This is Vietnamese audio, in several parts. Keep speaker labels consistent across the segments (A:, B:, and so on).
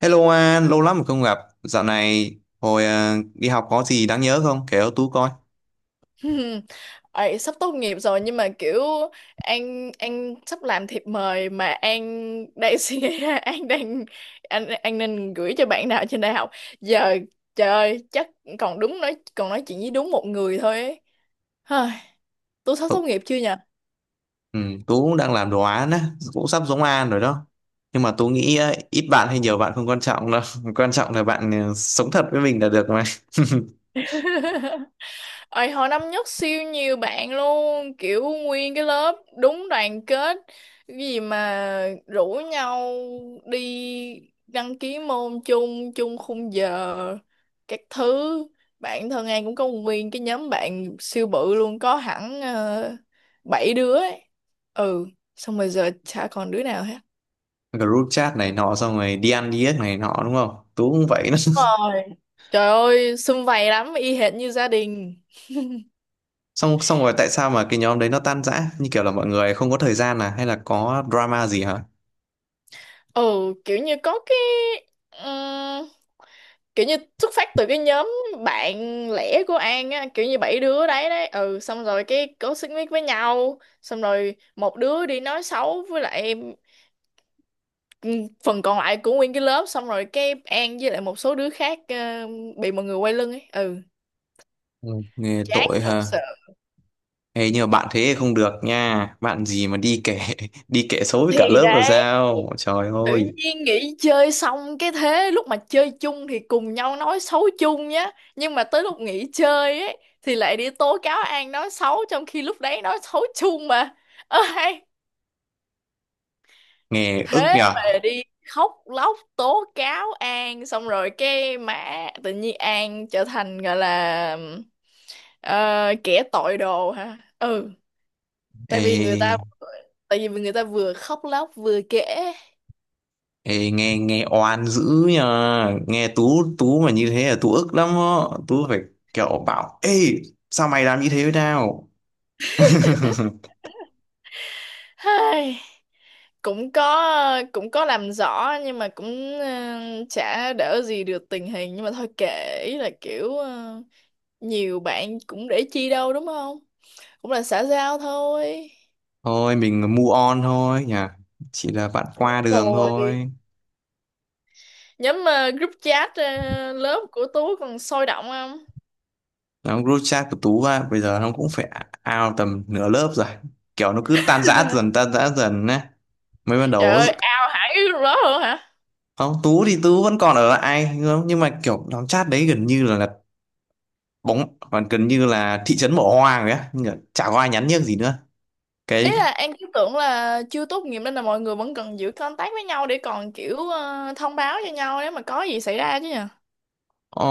A: Hello An, lâu lắm rồi không gặp. Dạo này hồi đi học có gì đáng nhớ không? Kể cho Tú coi.
B: Hmm. Ấy, sắp tốt nghiệp rồi nhưng mà kiểu An sắp làm thiệp mời mà An đang suy nghĩ ra An đang anh An nên gửi cho bạn nào trên đại học giờ. Trời ơi, chắc còn nói chuyện với đúng một người thôi ấy. Hời, tôi sắp tốt
A: Ừ,
B: nghiệp chưa nhỉ?
A: ừ, Tú cũng đang làm đồ án á, cũng sắp giống An rồi đó. Nhưng mà Tú nghĩ ít bạn hay nhiều bạn không quan trọng đâu. Quan trọng là bạn sống thật với mình là được mà.
B: Ôi, hồi năm nhất siêu nhiều bạn luôn, kiểu nguyên cái lớp đúng đoàn kết, cái gì mà rủ nhau đi đăng ký môn chung, chung khung giờ các thứ. Bạn thân An cũng có nguyên cái nhóm bạn siêu bự luôn, có hẳn bảy đứa ấy. Ừ, xong rồi giờ chả còn đứa nào hết.
A: Group chat này nọ xong rồi đi ăn đi ếch này nọ đúng không? Tú cũng vậy đó.
B: Rồi. Trời ơi, sum vầy lắm, y hệt như gia đình.
A: Xong xong rồi tại sao mà cái nhóm đấy nó tan rã? Như kiểu là mọi người không có thời gian à hay là có drama gì hả?
B: Ừ, kiểu như có cái, kiểu như xuất phát từ cái nhóm bạn lẻ của An á, kiểu như bảy đứa đấy đấy. Ừ, xong rồi cái có xích mích với nhau, xong rồi một đứa đi nói xấu với lại, ừ, phần còn lại của nguyên cái lớp, xong rồi cái An với lại một số đứa khác bị mọi người quay lưng ấy. Ừ,
A: Ừ, nghe
B: chán
A: tội
B: thật
A: hả?
B: sự.
A: Ê, nhưng mà bạn thế không được nha. Bạn gì mà đi kể. Đi kể xấu với cả
B: Thì
A: lớp là
B: đấy,
A: sao? Trời
B: tự
A: ơi,
B: nhiên nghỉ chơi, xong cái thế lúc mà chơi chung thì cùng nhau nói xấu chung nhá, nhưng mà tới lúc nghỉ chơi ấy thì lại đi tố cáo An nói xấu, trong khi lúc đấy nói xấu chung mà. Ơ hay,
A: nghe ức
B: thế mà
A: nhở.
B: đi khóc lóc tố cáo An, xong rồi cái mã tự nhiên An trở thành gọi là ờ, kẻ tội đồ hả. Ừ, tại vì người ta
A: Ê,
B: tại vì người ta vừa khóc lóc vừa kể.
A: ê nghe nghe oan dữ nhờ. Nghe Tú Tú mà như thế là Tú ức lắm á. Tú phải kiểu bảo: Ê, sao mày làm như thế với tao?
B: Hay, cũng có làm rõ nhưng mà cũng chả đỡ gì được tình hình, nhưng mà thôi kệ, ý là kiểu nhiều bạn cũng để chi đâu, đúng không? Cũng là xã giao thôi.
A: Thôi mình move on thôi nhỉ. Chỉ là bạn qua đường
B: Rồi,
A: thôi.
B: nhóm group chat lớp của Tú còn sôi động không?
A: Nó group chat của Tú á, bây giờ nó cũng phải out tầm nửa lớp rồi. Kiểu nó cứ tan rã dần á, mới ban
B: Trời
A: đầu.
B: ơi, ao hẳn cái group đó luôn hả?
A: Không, Tú thì Tú vẫn còn ở lại nhưng mà kiểu nhóm chat đấy gần như là bóng, còn gần như là thị trấn bỏ hoang rồi á, nhưng mà chả có ai nhắn nhác gì nữa.
B: Ý
A: Cái
B: là An cứ tưởng là chưa tốt nghiệp nên là mọi người vẫn cần giữ contact với nhau để còn kiểu thông báo cho nhau nếu mà có gì xảy ra chứ nhỉ.
A: ờ,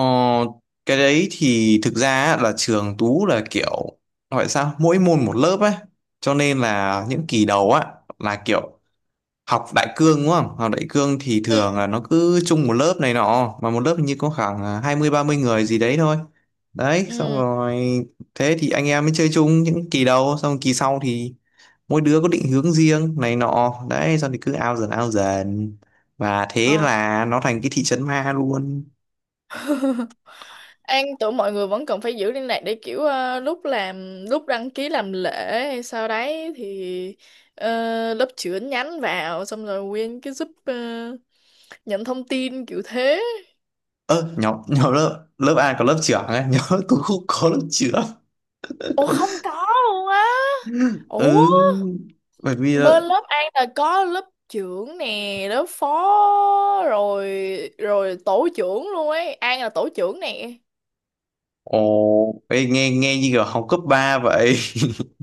A: cái đấy thì thực ra á, là trường Tú là kiểu gọi sao mỗi môn một lớp ấy, cho nên là những kỳ đầu á là kiểu học đại cương đúng không. Học đại cương thì
B: Ừ,
A: thường là nó cứ chung một lớp này nọ, mà một lớp hình như có khoảng hai mươi ba mươi người gì đấy thôi. Đấy, xong
B: ừ,
A: rồi thế thì anh em mới chơi chung những kỳ đầu, xong kỳ sau thì mỗi đứa có định hướng riêng này nọ, đấy xong thì cứ ao dần ao dần, và thế
B: ờ.
A: là nó thành cái thị trấn ma luôn.
B: An tưởng mọi người vẫn cần phải giữ liên lạc để kiểu lúc đăng ký làm lễ, hay sau đấy thì ờ, lớp trưởng nhắn vào, xong rồi nguyên cái giúp nhận thông tin kiểu thế.
A: Ơ, nhóm nhóm lớp lớp A có lớp trưởng ấy. Nhóm lớp tôi không có lớp trưởng.
B: Ủa, không có luôn á? Ủa,
A: Ừ, bởi vì là...
B: bên lớp An là có lớp trưởng nè, lớp phó rồi, rồi tổ trưởng luôn ấy. An là tổ trưởng nè.
A: Ồ, ê, nghe nghe như kiểu học cấp 3 vậy.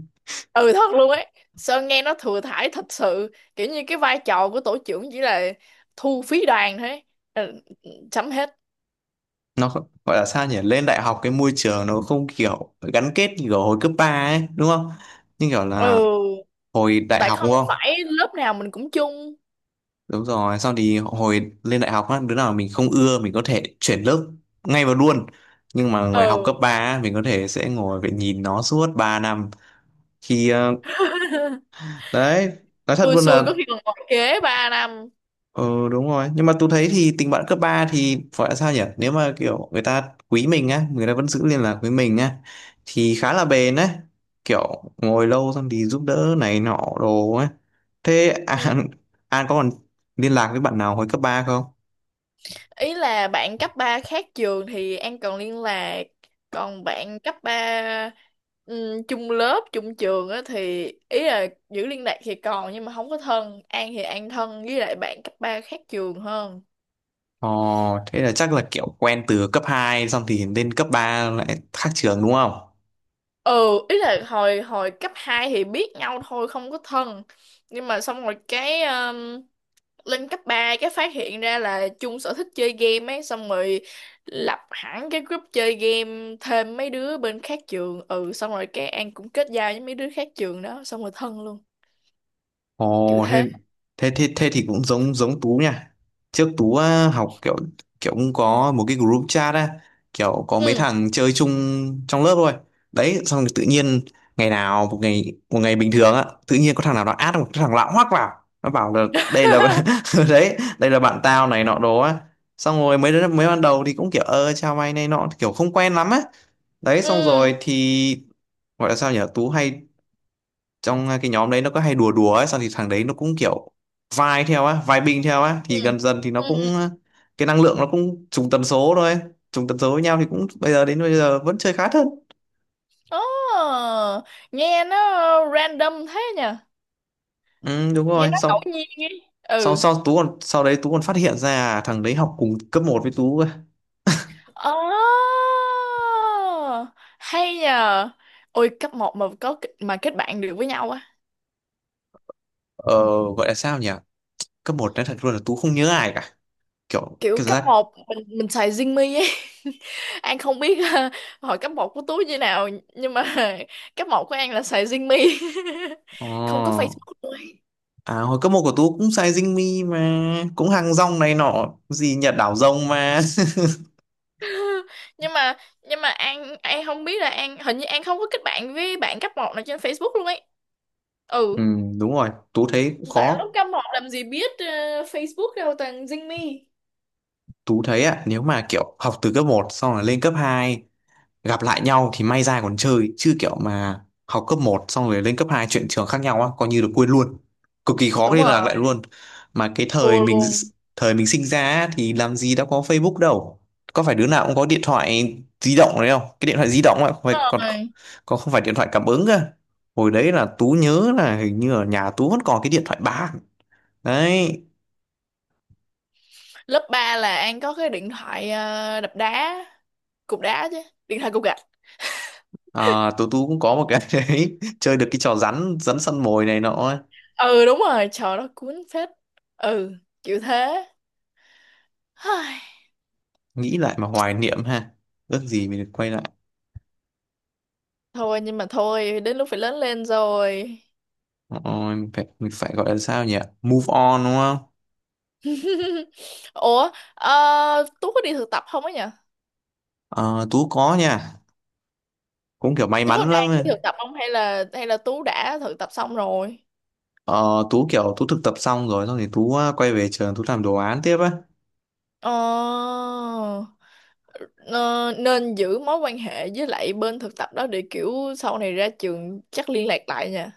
B: Ừ, thật luôn ấy. Sơn nghe nó thừa thãi thật sự, kiểu như cái vai trò của tổ trưởng chỉ là thu phí đoàn thôi ấy. Ừ, chấm hết.
A: Gọi là sao nhỉ, lên đại học cái môi trường nó không kiểu gắn kết như kiểu hồi cấp 3 ấy đúng không? Nhưng kiểu là
B: Ừ,
A: hồi đại
B: tại
A: học
B: không
A: đúng không?
B: phải lớp nào mình cũng chung.
A: Đúng rồi, sau thì hồi lên đại học á, đứa nào mình không ưa mình có thể chuyển lớp ngay vào luôn. Nhưng mà người học cấp
B: Ừ.
A: 3 á, mình có thể sẽ ngồi phải nhìn nó suốt 3 năm. Khi đấy, nói thật
B: Xui
A: luôn
B: xui có
A: là...
B: khi còn ngồi kế 3 năm.
A: Ừ đúng rồi, nhưng mà tôi thấy thì tình bạn cấp 3 thì phải là sao nhỉ, nếu mà kiểu người ta quý mình á, người ta vẫn giữ liên lạc với mình á, thì khá là bền á. Kiểu ngồi lâu xong thì giúp đỡ này nọ đồ á. Thế
B: Ừ.
A: An có còn liên lạc với bạn nào hồi cấp 3 không?
B: Ý là bạn cấp 3 khác trường thì An còn liên lạc, còn bạn cấp ba, ừ, chung lớp chung trường á thì ý là giữ liên lạc thì còn, nhưng mà không có thân. An thì An thân với lại bạn cấp 3 khác trường hơn.
A: Ồ, thế là chắc là kiểu quen từ cấp hai, xong thì lên cấp 3 lại khác trường đúng không?
B: Ừ, ý là hồi hồi cấp 2 thì biết nhau thôi, không có thân, nhưng mà xong rồi cái lên cấp 3 cái phát hiện ra là chung sở thích chơi game ấy, xong rồi lập hẳn cái group chơi game thêm mấy đứa bên khác trường. Ừ, xong rồi cái An cũng kết giao với mấy đứa khác trường đó, xong rồi thân luôn, kiểu
A: Ồ thế
B: thế.
A: thế thì cũng giống giống Tú nha. Trước Tú á, học kiểu kiểu cũng có một cái group chat á, kiểu có mấy
B: Ừ.
A: thằng chơi chung trong lớp thôi. Đấy, xong rồi tự nhiên ngày nào một ngày bình thường á, tự nhiên có thằng nào nó add một cái thằng lạ hoắc vào. Nó bảo là đây là... đấy, đây là bạn tao này nọ đồ á. Xong rồi mấy đứa mấy ban đầu thì cũng kiểu ơ chào mày này nọ, kiểu không quen lắm á. Đấy xong
B: Ừ,
A: rồi thì gọi là sao nhỉ? Tú hay trong cái nhóm đấy nó có hay đùa đùa ấy, xong thì thằng đấy nó cũng kiểu vai theo á, vai binh theo á, thì
B: ừ,
A: gần dần thì nó
B: ừ.
A: cũng cái năng lượng nó cũng trùng tần số thôi. Trùng tần số với nhau thì cũng bây giờ đến bây giờ vẫn chơi khá thân.
B: Ồ, nghe nó random thế nhỉ.
A: Ừ, đúng
B: Nghe
A: rồi.
B: nó ngẫu
A: Xong
B: nhiên ấy.
A: sau
B: Ừ.
A: sau tú còn, sau đấy tú còn phát hiện ra thằng đấy học cùng cấp một với tú cơ.
B: Oh, hay nhờ. Ôi, cấp một mà có mà kết bạn được với nhau á?
A: Ờ, gọi là sao nhỉ, cấp một, nói thật luôn là tú không nhớ ai cả, kiểu
B: Kiểu
A: cái cảm
B: cấp
A: giác
B: một mình xài Zing ấy. An không biết hồi cấp một của Tú như nào, nhưng mà cấp một của An là xài Zing. Không có
A: ờ
B: Facebook luôn ấy.
A: à, hồi cấp một của tú cũng sai dinh mi mà, cũng hàng rong này nọ gì Nhật đảo rồng mà.
B: Nhưng mà An không biết là An, hình như An không có kết bạn với bạn cấp một nào trên Facebook luôn ấy. Ừ,
A: Ừ, đúng rồi, Tú thấy cũng
B: tại
A: khó.
B: lúc cấp một làm gì biết Facebook đâu, toàn Zing Me.
A: Tú thấy ạ, nếu mà kiểu học từ cấp một xong rồi lên cấp 2 gặp lại nhau thì may ra còn chơi, chứ kiểu mà học cấp một xong rồi lên cấp 2 chuyển trường khác nhau á, coi như được quên luôn. Cực kỳ khó
B: Đúng
A: liên lạc lại
B: rồi,
A: luôn. Mà cái
B: thua luôn.
A: thời mình sinh ra á, thì làm gì đã có Facebook đâu. Có phải đứa nào cũng có điện thoại di động đấy không? Cái điện thoại di động ấy, không phải còn
B: Rồi,
A: còn không phải điện thoại cảm ứng cơ. Hồi đấy là Tú nhớ là hình như ở nhà Tú vẫn còn cái điện thoại bàn. Đấy.
B: lớp ba là An có cái điện thoại đập đá, cục đá chứ, điện thoại cục gạch.
A: À, tú tôi cũng có một cái. Đấy chơi được cái trò rắn rắn săn mồi này nọ ấy.
B: Ừ, đúng rồi, trời nó cuốn phết. Ừ, chịu thế. Hây,
A: Nghĩ lại mà hoài niệm ha, ước gì mình được quay lại.
B: thôi, nhưng mà thôi, đến lúc phải lớn lên rồi.
A: Ôi, mình phải gọi là sao nhỉ, move on đúng không?
B: Ủa, Tú có đi thực tập không ấy nhỉ?
A: Ờ, Tú có nha, cũng kiểu may
B: Tú có
A: mắn
B: đang
A: lắm ấy.
B: đi thực tập không, hay là Tú đã thực tập xong rồi?
A: Ờ, Tú kiểu Tú thực tập xong rồi, xong thì Tú quay về trường Tú làm đồ án tiếp á.
B: Ờ, ờ, nên giữ mối quan hệ với lại bên thực tập đó để kiểu sau này ra trường chắc liên lạc lại nha.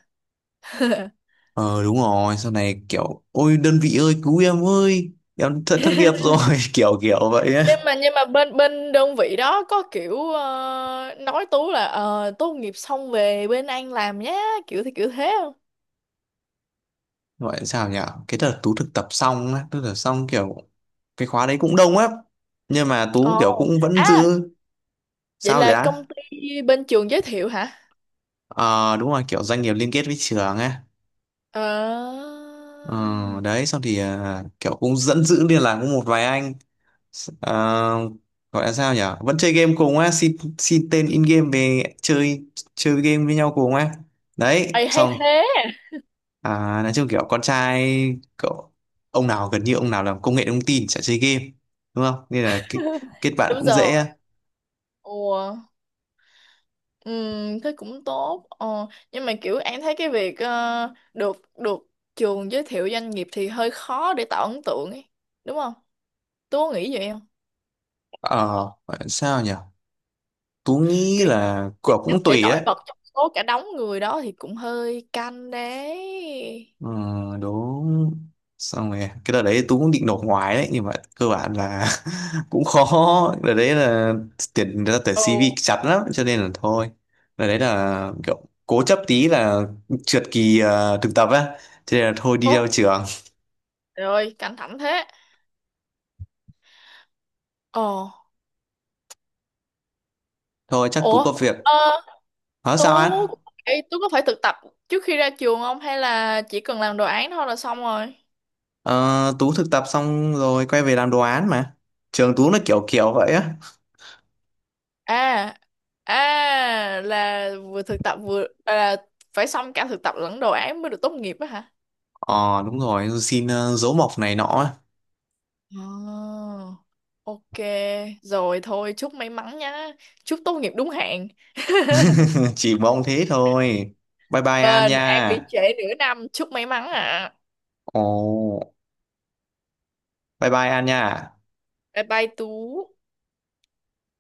A: Ờ đúng rồi, sau này kiểu ôi đơn vị ơi cứu em ơi, em thất thất nghiệp rồi. Kiểu kiểu vậy
B: Nhưng
A: á.
B: mà bên bên đơn vị đó có kiểu nói Tú là tốt nghiệp xong về bên Anh làm nhé, kiểu thế không?
A: Gọi là sao nhỉ, cái đợt tú thực tập xong á, tức là xong kiểu cái khóa đấy cũng đông lắm, nhưng mà tú
B: Ồ,
A: kiểu cũng vẫn
B: à,
A: giữ.
B: vậy
A: Sao vậy
B: là
A: á?
B: công ty bên trường giới thiệu hả?
A: Ờ đúng rồi, kiểu doanh nghiệp liên kết với trường á.
B: Ờ.
A: Ờ, đấy xong thì kiểu cũng dẫn giữ liên lạc với một vài anh. Ờ, gọi là sao nhỉ, vẫn chơi game cùng á, xin xin tên in game về chơi, chơi game với nhau cùng á. Đấy
B: Ê, hay
A: xong.
B: thế.
A: À, nói chung kiểu con trai, cậu, ông nào gần như ông nào làm công nghệ thông tin chả chơi game đúng không, nên là kết bạn
B: Đúng
A: cũng
B: rồi.
A: dễ.
B: Ủa, thế cũng tốt. Ờ, nhưng mà kiểu An thấy cái việc được được trường giới thiệu doanh nghiệp thì hơi khó để tạo ấn tượng ấy, đúng không? Tú có nghĩ vậy không?
A: Ờ, gọi là sao nhỉ, Tú nghĩ
B: Kiểu như
A: là
B: tìm
A: cậu
B: cách
A: cũng
B: để
A: tùy
B: nổi
A: đấy.
B: bật trong số cả đống người đó thì cũng hơi căng đấy.
A: Ừ, đúng. Xong rồi cái đợt đấy Tú cũng định nộp ngoài đấy nhưng mà cơ bản là cũng khó. Đợt đấy là tuyển
B: Ồ,
A: CV chặt lắm cho nên là thôi. Đợt đấy là kiểu cố chấp tí là trượt kỳ thực tập á, cho nên là thôi đi
B: ồ.
A: theo trường.
B: Rồi, căng thẳng thế. Ồ.
A: Thôi chắc Tú
B: Ủa,
A: có việc.
B: ờ,
A: Ờ
B: Tú.
A: sao anh?
B: Ê, Tú có phải thực tập trước khi ra trường không, hay là chỉ cần làm đồ án thôi là xong rồi?
A: Ờ, Tú thực tập xong rồi quay về làm đồ án mà. Trường Tú nó kiểu kiểu vậy á.
B: À, à là vừa thực tập vừa là phải xong cả thực tập lẫn đồ án mới được tốt nghiệp á hả?
A: Ờ đúng rồi, xin dấu mộc này nọ á.
B: Ờ, ok. Rồi thôi, chúc may mắn nhá, chúc tốt nghiệp đúng hạn.
A: Chỉ mong thế thôi. Bye bye An
B: Vâng, em bị
A: nha.
B: trễ nửa năm, chúc may mắn ạ.
A: Ồ, bye bye An nha.
B: Bye bye Tú.